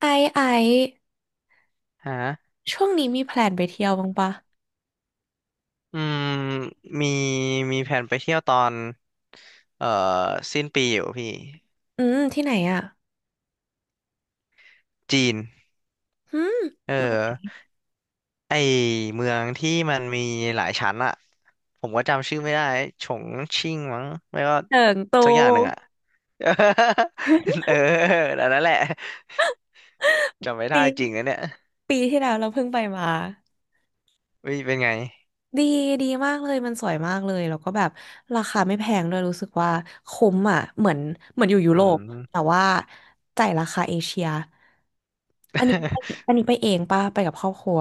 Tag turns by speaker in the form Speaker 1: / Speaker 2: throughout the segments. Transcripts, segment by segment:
Speaker 1: ไอซ์ไอซ์
Speaker 2: ฮะ
Speaker 1: ช่วงนี้มีแพลนไปเที่ยวบ้างปะ
Speaker 2: อืมมีมีแผนไปเที่ยวตอนเอ่อสิ้นปีอยู่พี่
Speaker 1: อืมที่ไหนอ่ะ
Speaker 2: จีน
Speaker 1: อืม
Speaker 2: เออไอเมืองที่มันมีหลายชั้นอะผมก็จำชื่อไม่ได้ฉงชิ่งมั้งไม่ก็
Speaker 1: เถิงตู
Speaker 2: สักอย่างหนึ่งอะ เออเออแต่นั่นแหละจำไม่ได้
Speaker 1: ปี
Speaker 2: จริงนะเนี่ย
Speaker 1: ปีที่แล้วเราเพิ่งไปมา
Speaker 2: วิเป็นไง
Speaker 1: ดีดีมากเลยมันสวยมากเลยแล้วก็แบบราคาไม่แพงด้วยรู้สึกว่าคุ้มอ่ะเหมือนเหมือนอยู่ยุ
Speaker 2: อื
Speaker 1: โรปแต่
Speaker 2: ม
Speaker 1: ว่าจ่ายราคาเอเชียอันนี้ อันนี้ไปเองปะไปกับครอบครัว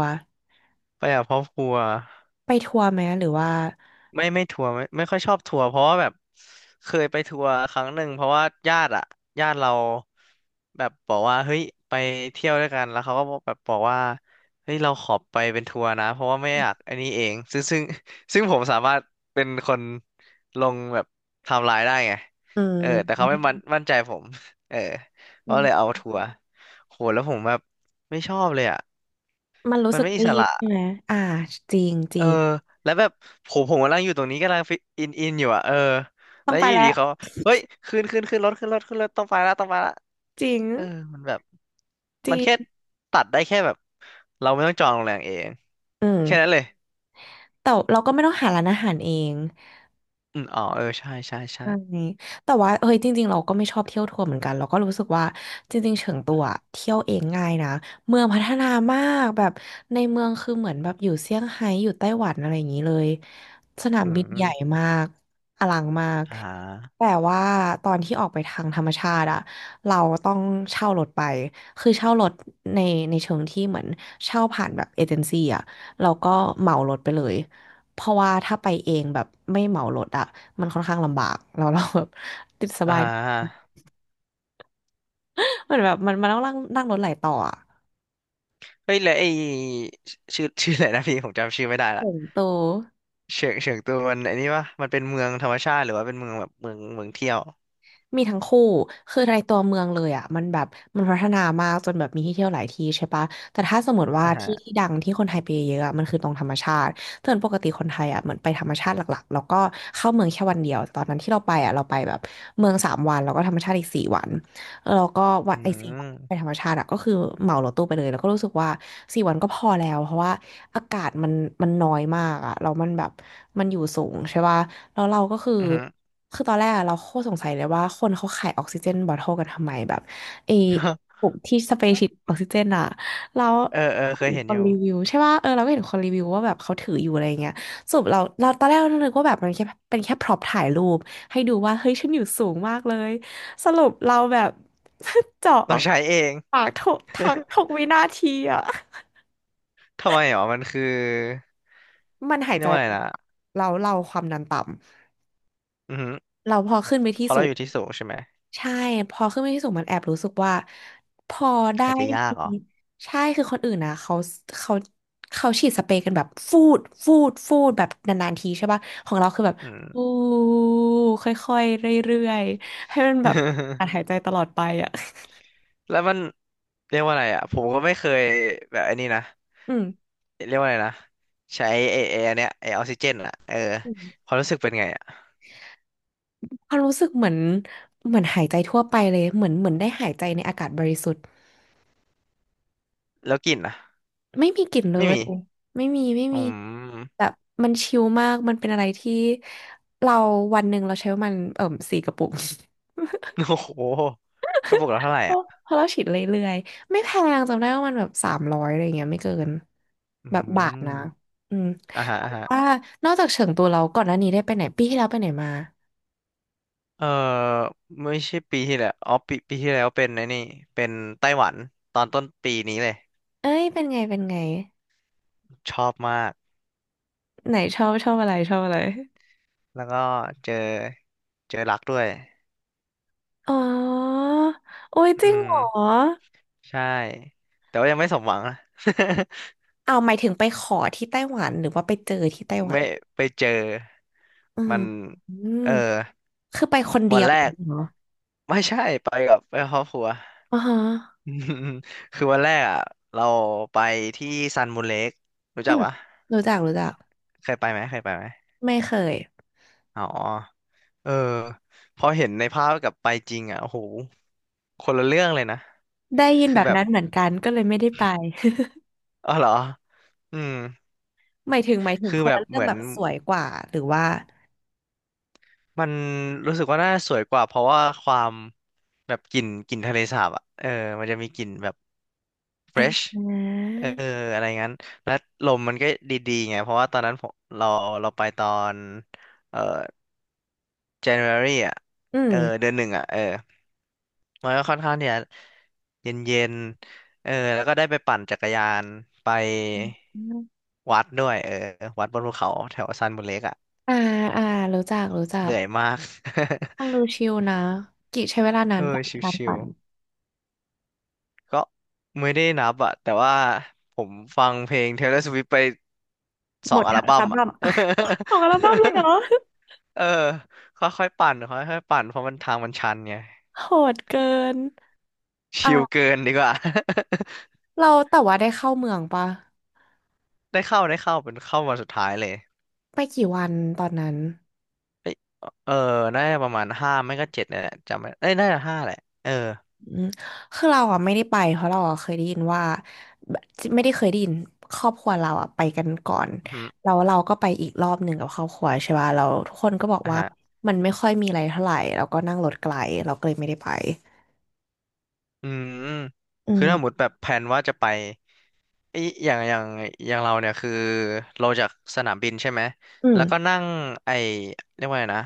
Speaker 2: ไปกับครอบครัว
Speaker 1: ไปทัวร์ไหมหรือว่า
Speaker 2: ไม่ทัวร์ไม่ค่อยชอบทัวร์เพราะว่าแบบเคยไปทัวร์ครั้งหนึ่งเพราะว่าญาติอะญาติเราแบบบอกว่าเฮ้ยไปเที่ยวด้วยกันแล้วเขาก็แบบบอกว่าเฮ้ยเราขอไปเป็นทัวร์นะเพราะว่าไม่อยากอันนี้เองซึ่ง ซึ่งผมสามารถเป็นคนลงแบบไทม์ไลน์ได้ไง
Speaker 1: อื
Speaker 2: เออแต่เขาไม่
Speaker 1: ม
Speaker 2: มั่นใจผมเออ
Speaker 1: อื
Speaker 2: ก็เลยเอา
Speaker 1: ม
Speaker 2: ทัวร์โหแล้วผมแบบไม่ชอบเลยอะ
Speaker 1: มันรู้
Speaker 2: มัน
Speaker 1: สึก
Speaker 2: ไม่อิ
Speaker 1: รี
Speaker 2: ส
Speaker 1: บ
Speaker 2: ระ
Speaker 1: ใช่ไหมอ่าจริงจ
Speaker 2: เอ
Speaker 1: ริ
Speaker 2: อ
Speaker 1: ง
Speaker 2: แล้วแบบผมกำลังอยู่ตรงนี้กำลังฟิตอินอยู่อ่ะเออ
Speaker 1: ต้อ
Speaker 2: แล้
Speaker 1: ง
Speaker 2: ว
Speaker 1: ไป
Speaker 2: อ
Speaker 1: แล้
Speaker 2: ยู่
Speaker 1: ว
Speaker 2: ดีเขาเฮ้ยขึ้นรถต้องไปละต้องไปละ
Speaker 1: จริง
Speaker 2: เออมันแบบ
Speaker 1: จริ
Speaker 2: มันแค่
Speaker 1: ง
Speaker 2: ตัดได้แค่แบบเราไม่ต้องจองโรงแรมเอง
Speaker 1: อืม
Speaker 2: แค่นั้นเลย
Speaker 1: แต่เราก็ไม่ต้องหาร้านอาหารเอง
Speaker 2: อืมอ๋อเออใช่ใช่ใช่
Speaker 1: ใช่แต่ว่าเฮ้ยจริงๆเราก็ไม่ชอบเที่ยวทัวร์เหมือนกันเราก็รู้สึกว่าจริงๆเฉิงตัวอะเที่ยวเองง่ายนะเมืองพัฒนามากแบบในเมืองคือเหมือนแบบอยู่เซี่ยงไฮ้อยู่ไต้หวันอะไรอย่างนี้เลยสนาม
Speaker 2: อื
Speaker 1: บินใหญ่
Speaker 2: ม
Speaker 1: มากอลังมาก
Speaker 2: อ่า
Speaker 1: แต่ว่าตอนที่ออกไปทางธรรมชาติอะเราต้องเช่ารถไปคือเช่ารถในในเชิงที่เหมือนเช่าผ่านแบบเอเจนซี่อะเราก็เหมารถไปเลย เพราะว่าถ้าไปเองแบบไม่เหมารถอะมันค่อนข้างลำบากแล้วเราแบบ ติดส
Speaker 2: อ่
Speaker 1: บาย
Speaker 2: า
Speaker 1: เหมือนแบบมันต้องนั่งนั่งรถหลายต่ออะ
Speaker 2: เฮ้ยแล้วไอ้ชื่ออะไรนะพี่ผมจำชื่อไม่ได้ละ
Speaker 1: โตว
Speaker 2: เฉิงตูมันไอ้นี่วะมันเป็นเมืองธรรมชาติหรือว่าเป็นเมืองแบบเมืองเที่ยว
Speaker 1: มีทั้งคู่ คือในตัวเมืองเลยอ่ะมันแบบมันพัฒนามากจนแบบมีที่เที่ยวหลายที่ใช่ปะแต่ถ้าสมมติว่า
Speaker 2: อ่าฮะ
Speaker 1: ที่ที่ดังที่คนไทยไปเยอะอะมันคือตรงธรรมชาติแต่ปกติคนไทยอ่ะเหมือนไปธรรมชาติหลักๆแล้วก็เข้าเมืองแค่วันเดียวตอนนั้นที่เราไปอ่ะเราไปแบบเมืองสามวันแล้วก็ธรรมชาติอีกสี่วันแล้วก็วัน
Speaker 2: อื
Speaker 1: ไอ้สี่วันไป
Speaker 2: ม
Speaker 1: ธรรมชาติอะก็คือเหมารถตู้ไปเลยแล้วก็รู้สึกว่าสี่วันก็พอแล้วเพราะว่าอากาศมันน้อยมากอะแล้วมันแบบมันอยู่สูงใช่ปะ แล้วเราก็คือ
Speaker 2: อือฮึ
Speaker 1: คือตอนแรกอะเราโคตรสงสัยเลยว่าคนเขาขายออกซิเจนบอทเทิลกันทำไมแบบไอ้ปุ กที่สเปรย์ฉีดออกซิเจนอะแล้ว
Speaker 2: เออเออเค
Speaker 1: เห็
Speaker 2: ย
Speaker 1: น
Speaker 2: เห็น
Speaker 1: ค
Speaker 2: อ
Speaker 1: น
Speaker 2: ยู่
Speaker 1: รีวิวใช่ป่ะเออเราก็เห็นคนรีวิวว่าแบบเขาถืออยู่อะไรเงี้ยสรุปเราตอนแรกเรานึกว่าแบบมันแค่เป็นแค่พร็อพถ่ายรูปให้ดูว่าเฮ้ยฉันอยู่สูงมากเลย สรุปเราแบบ เจาะอ
Speaker 2: ต้อ
Speaker 1: อ
Speaker 2: ง
Speaker 1: ก
Speaker 2: ใช้เอง
Speaker 1: ปากทุกทักทุก วินาทีอะ
Speaker 2: ทำไมหรอมันคือ
Speaker 1: มันหาย
Speaker 2: เรีย
Speaker 1: ใจ
Speaker 2: กว่าอะไรนะ
Speaker 1: เราความดันต่
Speaker 2: อือหือ
Speaker 1: ำเราพอขึ้นไป
Speaker 2: พ
Speaker 1: ที่
Speaker 2: อเรา
Speaker 1: สู
Speaker 2: อ
Speaker 1: ง
Speaker 2: ยู่ที่สูงใช่ไหม
Speaker 1: ใช่พอขึ้นไปที่สูงมันแอบรู้สึกว่าพอได้
Speaker 2: หายใจยาก
Speaker 1: มี
Speaker 2: เหรอ
Speaker 1: ใช่คือคนอื่นนะเขาเขาฉีดสเปรย์กันแบบฟูดฟูดฟูดแบบนานๆทีใช่ป่ะของเราคือแบบ
Speaker 2: อืม
Speaker 1: ฟูค่อยๆเรื่อยๆให้มันแบบการหาย ใจตลอดไปอ่ะ
Speaker 2: แล้วมันเรียกว่าอะไรอ่ะผมก็ไม่เคยแบบไอ้นี่นะ
Speaker 1: อืม
Speaker 2: เรียกว่าอะไรนะใช้ไอ้อันเนี้ยไอ้ออกซิเจนอ่ะเออ
Speaker 1: อืม
Speaker 2: ความรู้สึกเป็นไงอ่ะ
Speaker 1: ความรู้สึกเหมือนเหมือนหายใจทั่วไปเลยเหมือนเหมือนได้หายใจในอากาศบริสุทธิ์
Speaker 2: แล้วกลิ่นอ่ะ
Speaker 1: ไม่มีกลิ่นเล
Speaker 2: ไม่
Speaker 1: ย
Speaker 2: มี
Speaker 1: ไม่มีไม่
Speaker 2: อื
Speaker 1: มี
Speaker 2: ม
Speaker 1: แบบมันชิลมาก มันเป็นอะไรที่เราวันหนึ่งเราใช้ประมันเอ่มสี่กระปุก
Speaker 2: โอ้โหกระปุกละเท่าไหร่
Speaker 1: เพรา
Speaker 2: อ่ะ
Speaker 1: ะเราฉีดเรื่อยๆไม่แพงจำได้ว่ามันแบบสามร้อยอะไรอย่างเงี้ยไม่เกิน
Speaker 2: อื
Speaker 1: แบบบาทนะ
Speaker 2: ม
Speaker 1: อืม
Speaker 2: อ่าฮะ
Speaker 1: แต่
Speaker 2: อ่าฮะ
Speaker 1: ว่านอกจากเฉิงตูเราก่อนหน้านี้ได้ไปไหนปีที่แล้วไปไหนมา
Speaker 2: เออไม่ใช่ปีที่แล้วอ๋อปีที่แล้วเป็นไอ้นี่เป็นไต้หวันตอนต้นปีนี้เลย
Speaker 1: เอ้ยเป็นไงเป็นไง
Speaker 2: ชอบมาก
Speaker 1: ไหนชอบชอบอะไรชอบอะไร
Speaker 2: แล้วก็เจอรักด้วย
Speaker 1: อ๋อโอ้ยจ
Speaker 2: อื
Speaker 1: ริงเหร
Speaker 2: ม
Speaker 1: อ
Speaker 2: ใช่แต่ว่ายังไม่สมหวังนะ
Speaker 1: เอาหมายถึงไปขอที่ไต้หวันหรือว่าไปเจอที่ไต้ห วัน
Speaker 2: ไม่ไปเจอ
Speaker 1: อืม
Speaker 2: มัน
Speaker 1: อืม
Speaker 2: เออ
Speaker 1: คือไปคนเดี
Speaker 2: วัน
Speaker 1: ยว
Speaker 2: แรก
Speaker 1: เหรอ
Speaker 2: ไม่ใช่ไปกับครอบครัว
Speaker 1: อ๋อฮะ
Speaker 2: อืมคือวันแรกอ่ะเราไปที่ซันมูนเลกรู้
Speaker 1: อื
Speaker 2: จัก
Speaker 1: ม
Speaker 2: ปะ
Speaker 1: รู้จักรู้จัก
Speaker 2: เคยไปไหมเคยไปไหม
Speaker 1: ไม่เคย
Speaker 2: อ๋อเออพอเห็นในภาพกับไปจริงอ่ะโอ้โหคนละเรื่องเลยนะ
Speaker 1: ได้ยิน
Speaker 2: คื
Speaker 1: แบ
Speaker 2: อ
Speaker 1: บ
Speaker 2: แบบ
Speaker 1: นั้นเหมือนกันก็เลยไม่ได้ไป
Speaker 2: อ๋อเหรออืม
Speaker 1: หมายถึงหมายถึง
Speaker 2: คือ
Speaker 1: คน
Speaker 2: แบบ
Speaker 1: ละเรื่
Speaker 2: เห
Speaker 1: อง
Speaker 2: มือ
Speaker 1: แบ
Speaker 2: น
Speaker 1: บสวยกว่าหรือว่า
Speaker 2: มันรู้สึกว่าน่าสวยกว่าเพราะว่าความแบบกลิ่นทะเลสาบอ่ะเออมันจะมีกลิ่นแบบ
Speaker 1: อ่า
Speaker 2: fresh
Speaker 1: อื
Speaker 2: เอออะไรงั้นและลมมันก็ดีๆไงเพราะว่าตอนนั้นผมเราไปตอนเอ่อ January อ่ะเออเดื
Speaker 1: ม
Speaker 2: อนหนึ่งอ่ะเออมันก็ค่อนข้างที่จะเย็นๆเออแล้วก็ได้ไปปั่นจักรยานไป
Speaker 1: อม
Speaker 2: วัดด้วยเออวัดบนภูเขาแถวซันบุเล็กอ่ะ
Speaker 1: อ่าอ่ารู้จักรู้จั
Speaker 2: เห
Speaker 1: ก
Speaker 2: นื่อยมาก
Speaker 1: ฟังดูชิลนะกิใช้เวลานา
Speaker 2: เอ
Speaker 1: น
Speaker 2: อ
Speaker 1: ปะ
Speaker 2: ช
Speaker 1: ในการ
Speaker 2: ิ
Speaker 1: ปั่
Speaker 2: ว
Speaker 1: น
Speaker 2: ๆ ก็ไม่ได้นับอะแต่ว่าผมฟังเพลง Taylor Swift ไปส
Speaker 1: หม
Speaker 2: อง
Speaker 1: ด
Speaker 2: อั
Speaker 1: ทั้
Speaker 2: ล
Speaker 1: งอั
Speaker 2: บั้
Speaker 1: ล
Speaker 2: มอะ
Speaker 1: บั้ม หมดอัลบั้มเลยเหร อ
Speaker 2: เออค่อยๆปั่นค่อยๆปั่นเพราะมันทางมันชันไง
Speaker 1: โหดเกิน
Speaker 2: ชิล
Speaker 1: อ่า
Speaker 2: เกินดีกว่า
Speaker 1: เราแต่ว่าได้เข้าเมืองปะ
Speaker 2: ได้เข้าเป็นเข้าวันสุดท้ายเลย
Speaker 1: ไปกี่วันตอนนั้น
Speaker 2: เอ้ยเออน่าจะประมาณห้าไม่ก็เจ็ดเนี่ยแหละจำไม่เอ้ยน่าจะห้าแหละเออ
Speaker 1: อืมคือเราอ่ะไม่ได้ไปเพราะเราอ่ะเคยได้ยินว่าไม่ได้เคยได้ยินครอบครัวเราอ่ะไปกันก่อน
Speaker 2: อืมอ
Speaker 1: แล้
Speaker 2: ฮึ
Speaker 1: วเราก็ไปอีกรอบหนึ่งกับครอบครัวใช่ป่ะเราทุกคนก็บอก
Speaker 2: อ่ะ
Speaker 1: ว่า
Speaker 2: ฮะ
Speaker 1: มันไม่ค่อยมีอะไรเท่าไหร่เราก็นั่งรถไกลเราก็เลยไม่ได้ไป
Speaker 2: อืม
Speaker 1: อื
Speaker 2: คือถ้าหมด
Speaker 1: ม
Speaker 2: แบบแผนว่าจะไป ไอยอย่างเราเนี่ยคือเราจากสนามบินใช่ไหม
Speaker 1: อืม
Speaker 2: แล้วก็นั่งไอเรียกว่าไงนะ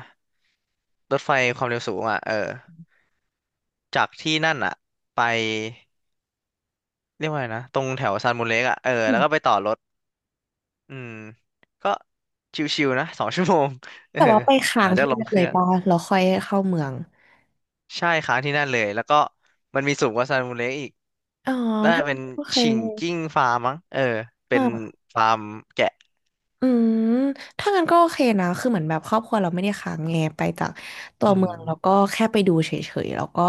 Speaker 2: รถไฟความเร็วสูงอ่ะเออจากที่นั่นอ่ะไปเรียกว่าไงนะ ตรงแถวซานมูเล็กอ่ะเออ
Speaker 1: อื
Speaker 2: แล้ว
Speaker 1: ม
Speaker 2: ก็ไปต่อรถอืมก็ชิวๆนะ 2 ชั่วโมงเออ
Speaker 1: แต่ว่าไป
Speaker 2: ห
Speaker 1: ค้า
Speaker 2: ลั
Speaker 1: ง
Speaker 2: งจาก
Speaker 1: ที่
Speaker 2: ลง
Speaker 1: นั่น
Speaker 2: เค
Speaker 1: เล
Speaker 2: รื่
Speaker 1: ย
Speaker 2: อง
Speaker 1: ป่ะเราค่อยเข้าเมือง
Speaker 2: ใช่ค้างที่นั่นเลยแล้วก็มันมีสูงกว่าซานมูเล็กอีก
Speaker 1: อ๋อ
Speaker 2: น่า
Speaker 1: ถ้า
Speaker 2: จะเป็น
Speaker 1: โอเค
Speaker 2: ฉิงจิ้งฟาร์มมั้งเออเป็นฟาร์มแกะ
Speaker 1: อืมถ้างั้นก็โอเคนะคือเหมือนแบบครอบครัวเราไม่ได้ค้างไงไปจากตัว
Speaker 2: อื
Speaker 1: เมื
Speaker 2: ม
Speaker 1: องแล้วก็แค่ไปดูเฉยๆแล้วก็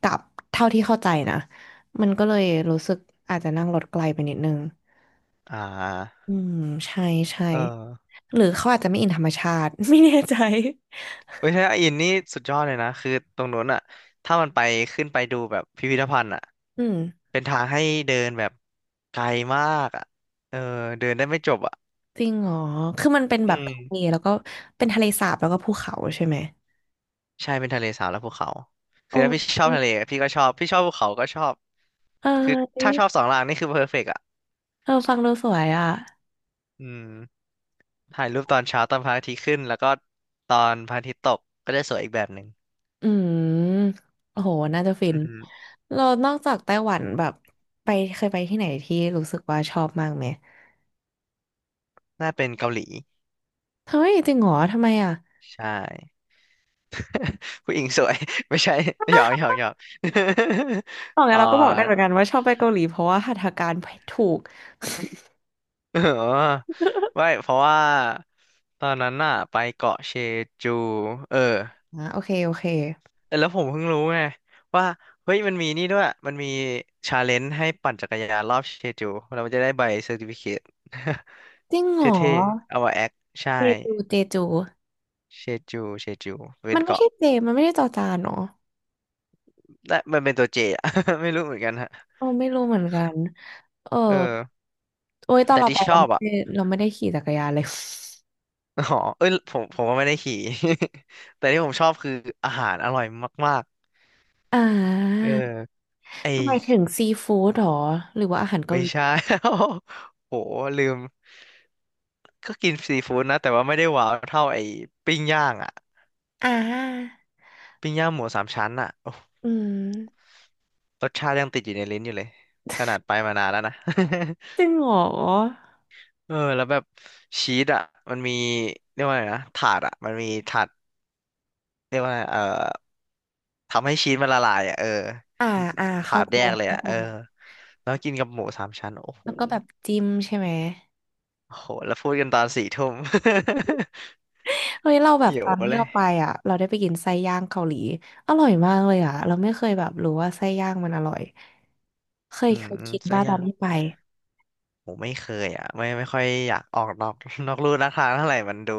Speaker 1: กลับเท่าที่เข้าใจนะมันก็เลยรู้สึกอาจจะนั่งรถไกลไปนิดนึง
Speaker 2: อ่า
Speaker 1: อืมใช่ใช่
Speaker 2: เออ
Speaker 1: หรือเขาอาจจะไม่อินธรรมชาติ ไม่แน่ใจ
Speaker 2: เว้ยถ้าอินนี่สุดยอดเลยนะคือตรงนู้นอ่ะถ้ามันไปขึ้นไปดูแบบพิพิธภัณฑ์อ่ะ
Speaker 1: อืม
Speaker 2: เป็นทางให้เดินแบบไกลมากอ่ะเออเดินได้ไม่จบอ่ะ
Speaker 1: จริงเหรอคือมันเป็น
Speaker 2: อื
Speaker 1: แบบ
Speaker 2: ม
Speaker 1: ทะเลแล้วก็เป็นทะเลสาบแล้วก็ภูเขาใช่ไหม
Speaker 2: ใช่เป็นทะเลสาบและภูเขา
Speaker 1: โอ
Speaker 2: คือถ้าพี่
Speaker 1: ้
Speaker 2: ชอบทะเลพี่ก็ชอบพี่ชอบภูเขาก็ชอบ
Speaker 1: เอ
Speaker 2: คือถ้า
Speaker 1: อ
Speaker 2: ชอบสองอย่างนี่คือเพอร์เฟกต์อ่ะ
Speaker 1: เออฟังดูสวยอ่ะ
Speaker 2: อืมถ่ายรูปตอนเช้าตอนพระอาทิตย์ขึ้นแล้วก็ตอนพระอาทิตย์ตกก็จะสวยอีกแบบหนึ่ง
Speaker 1: อืมโอ้โหน่าจะฟิ
Speaker 2: อื
Speaker 1: น
Speaker 2: อฮึ
Speaker 1: เรานอกจากไต้หวันแบบไปเคยไปที่ไหนที่รู้สึกว่าชอบมากไหม
Speaker 2: น่าเป็นเกาหลี
Speaker 1: เฮ้ยจริงเหรอทำไมอ่ะ
Speaker 2: ใช่ ผู้หญิงสวย ไม่ใช่หยอกหยอกหยอก
Speaker 1: ตอน นี้
Speaker 2: อ๋
Speaker 1: นเราก็บอกได้เหมือนกันว่าชอบไปเกาหลีเพราะว่าหัตถการถูก
Speaker 2: เอ อไม่เพราะว่าตอนนั้นน่ะไปเกาะเชจูเออ
Speaker 1: อ่ะโอเคโอเค
Speaker 2: แล้วผมเพิ่งรู้ไงว่าเฮ้ยมันมีนี่ด้วย มันมีชาเลนจ์ให้ปั่นจักรยานรอบเชจูเราจะได้ใบเซอร์ติฟิเคต
Speaker 1: จริง เหรอ
Speaker 2: เท่ๆเอามาแอคใช่
Speaker 1: เจจูเจจู
Speaker 2: เชเชจูเป็
Speaker 1: มั
Speaker 2: น
Speaker 1: นไม่
Speaker 2: เกาะ
Speaker 1: ใช่เจมันไม่ได้จอจานเนาะ
Speaker 2: และมันเป็นตัวเจอะ ไม่รู้เหมือนกันฮะ
Speaker 1: เออไม่รู้เหมือนกันเออ
Speaker 2: เออ
Speaker 1: โอ้ยตอน
Speaker 2: แต่
Speaker 1: เราไป
Speaker 2: ที่ช
Speaker 1: เรา
Speaker 2: อ
Speaker 1: ไม่
Speaker 2: บอ่ะ
Speaker 1: ได้เราไม่ได้ขี่จักรยานเลย
Speaker 2: อ๋อเอ้ยผมก็ไม่ได้ขี่ แต่ที่ผมชอบคืออาหารอร่อยมาก
Speaker 1: อ่
Speaker 2: ๆเอ
Speaker 1: า
Speaker 2: อไอ
Speaker 1: หมายถึงซีฟู้ดเหรอหรือว่าอาหารเกา
Speaker 2: ไม่
Speaker 1: หลี
Speaker 2: ใช่ โห ลืม ก็กินซีฟู้ดนะ แต่ว่าไม่ได้ว้าวเท่าไอปิ้งย่างอ่ะ
Speaker 1: อ่า
Speaker 2: ปิ้งย่างหมูสามชั้นอ่ะโอ้
Speaker 1: อืม
Speaker 2: รสชาติยังติดอยู่ในลิ้นอยู่เลย ขนาดไปมานานแล้วนะ
Speaker 1: จริงเหรอ
Speaker 2: เออแล้วแบบชีสอ่ะมันมีเรียกว่าไงนะ ถาดอ่ะมันมีถาดเรียกว่าไงเออ ทำให้ชีสมันละลายอ่ะเออ
Speaker 1: อ่าอ่า
Speaker 2: ถา
Speaker 1: เข้า
Speaker 2: ด
Speaker 1: ใจ
Speaker 2: แยกเลย
Speaker 1: เข้า
Speaker 2: อ่ะ
Speaker 1: ใจ
Speaker 2: เออแล้วกินกับหมูสามชั้นโอ้โห
Speaker 1: แล้วก็แบบจิ้มใช่ไหม
Speaker 2: โอ้โหแล้วพูดกันตอนสี่ทุ่ม
Speaker 1: เฮ้ยเราแบบ
Speaker 2: หิ
Speaker 1: ต
Speaker 2: ว
Speaker 1: อนที่
Speaker 2: เลย
Speaker 1: เราไปอ่ะเราได้ไปกินไส้ย่างเกาหลีอร่อยมากเลยอ่ะเราไม่เคยแบบรู้ว่าไส้ย่างมันอร่อยเคย
Speaker 2: อื
Speaker 1: เค
Speaker 2: ม
Speaker 1: ยคิด
Speaker 2: สัก
Speaker 1: ว่า
Speaker 2: อ
Speaker 1: ตอ
Speaker 2: ย่า
Speaker 1: น
Speaker 2: ง
Speaker 1: ที่ไป
Speaker 2: ผมไม่เคยอ่ะไม่ค่อยอยากออกนอก นอกลู่นอกทางเท่าไหร่มันดู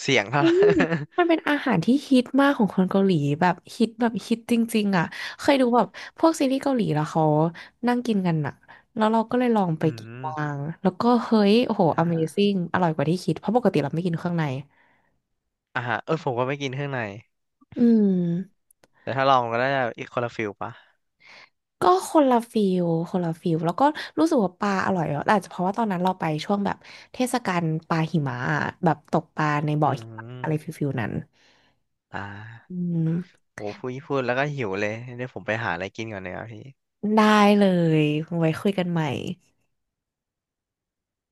Speaker 2: เสี่ยงเท่า
Speaker 1: เฮ้
Speaker 2: ไหร่
Speaker 1: ยมันเป็นอาหารที่ฮิตมากของคนเกาหลีแบบฮิตแบบฮิตจริงๆอ่ะเคยดูแบบพวกซีรีส์เกาหลีแล้วเขานั่งกินกันอ่ะแล้วเราก็เลยลอง ไป
Speaker 2: อื
Speaker 1: กิน
Speaker 2: ม
Speaker 1: บ้างแล้วก็เฮ้ยโอ้โห
Speaker 2: อ่า
Speaker 1: Amazing อร่อยกว่าที่คิดเพราะปกติเราไม่กินเครื่องใน
Speaker 2: อ่าเออผมก็ไม่กินเครื่องใน
Speaker 1: อืม
Speaker 2: แต่ถ้าลองก็ได้อีกคนละฟิลปะ
Speaker 1: ก็คนละฟิลคนละฟิลแล้วก็รู้สึกว่าปลาอร่อยอ่ะแต่อาจจะเพราะว่าตอนนั้นเราไปช่วงแบบเทศกาลปลาหิมะอะแบบตกปลาในบ่อ
Speaker 2: อื
Speaker 1: หิมะอะไรฟิ
Speaker 2: ม
Speaker 1: ลฟิลนั้น
Speaker 2: อ่า
Speaker 1: อืม
Speaker 2: โหพูดแล้วก็หิวเลยเดี๋ยวผมไปหาอะไรกินก่อนเลยครับพี่
Speaker 1: ได้เลยไว้คุยกันใหม่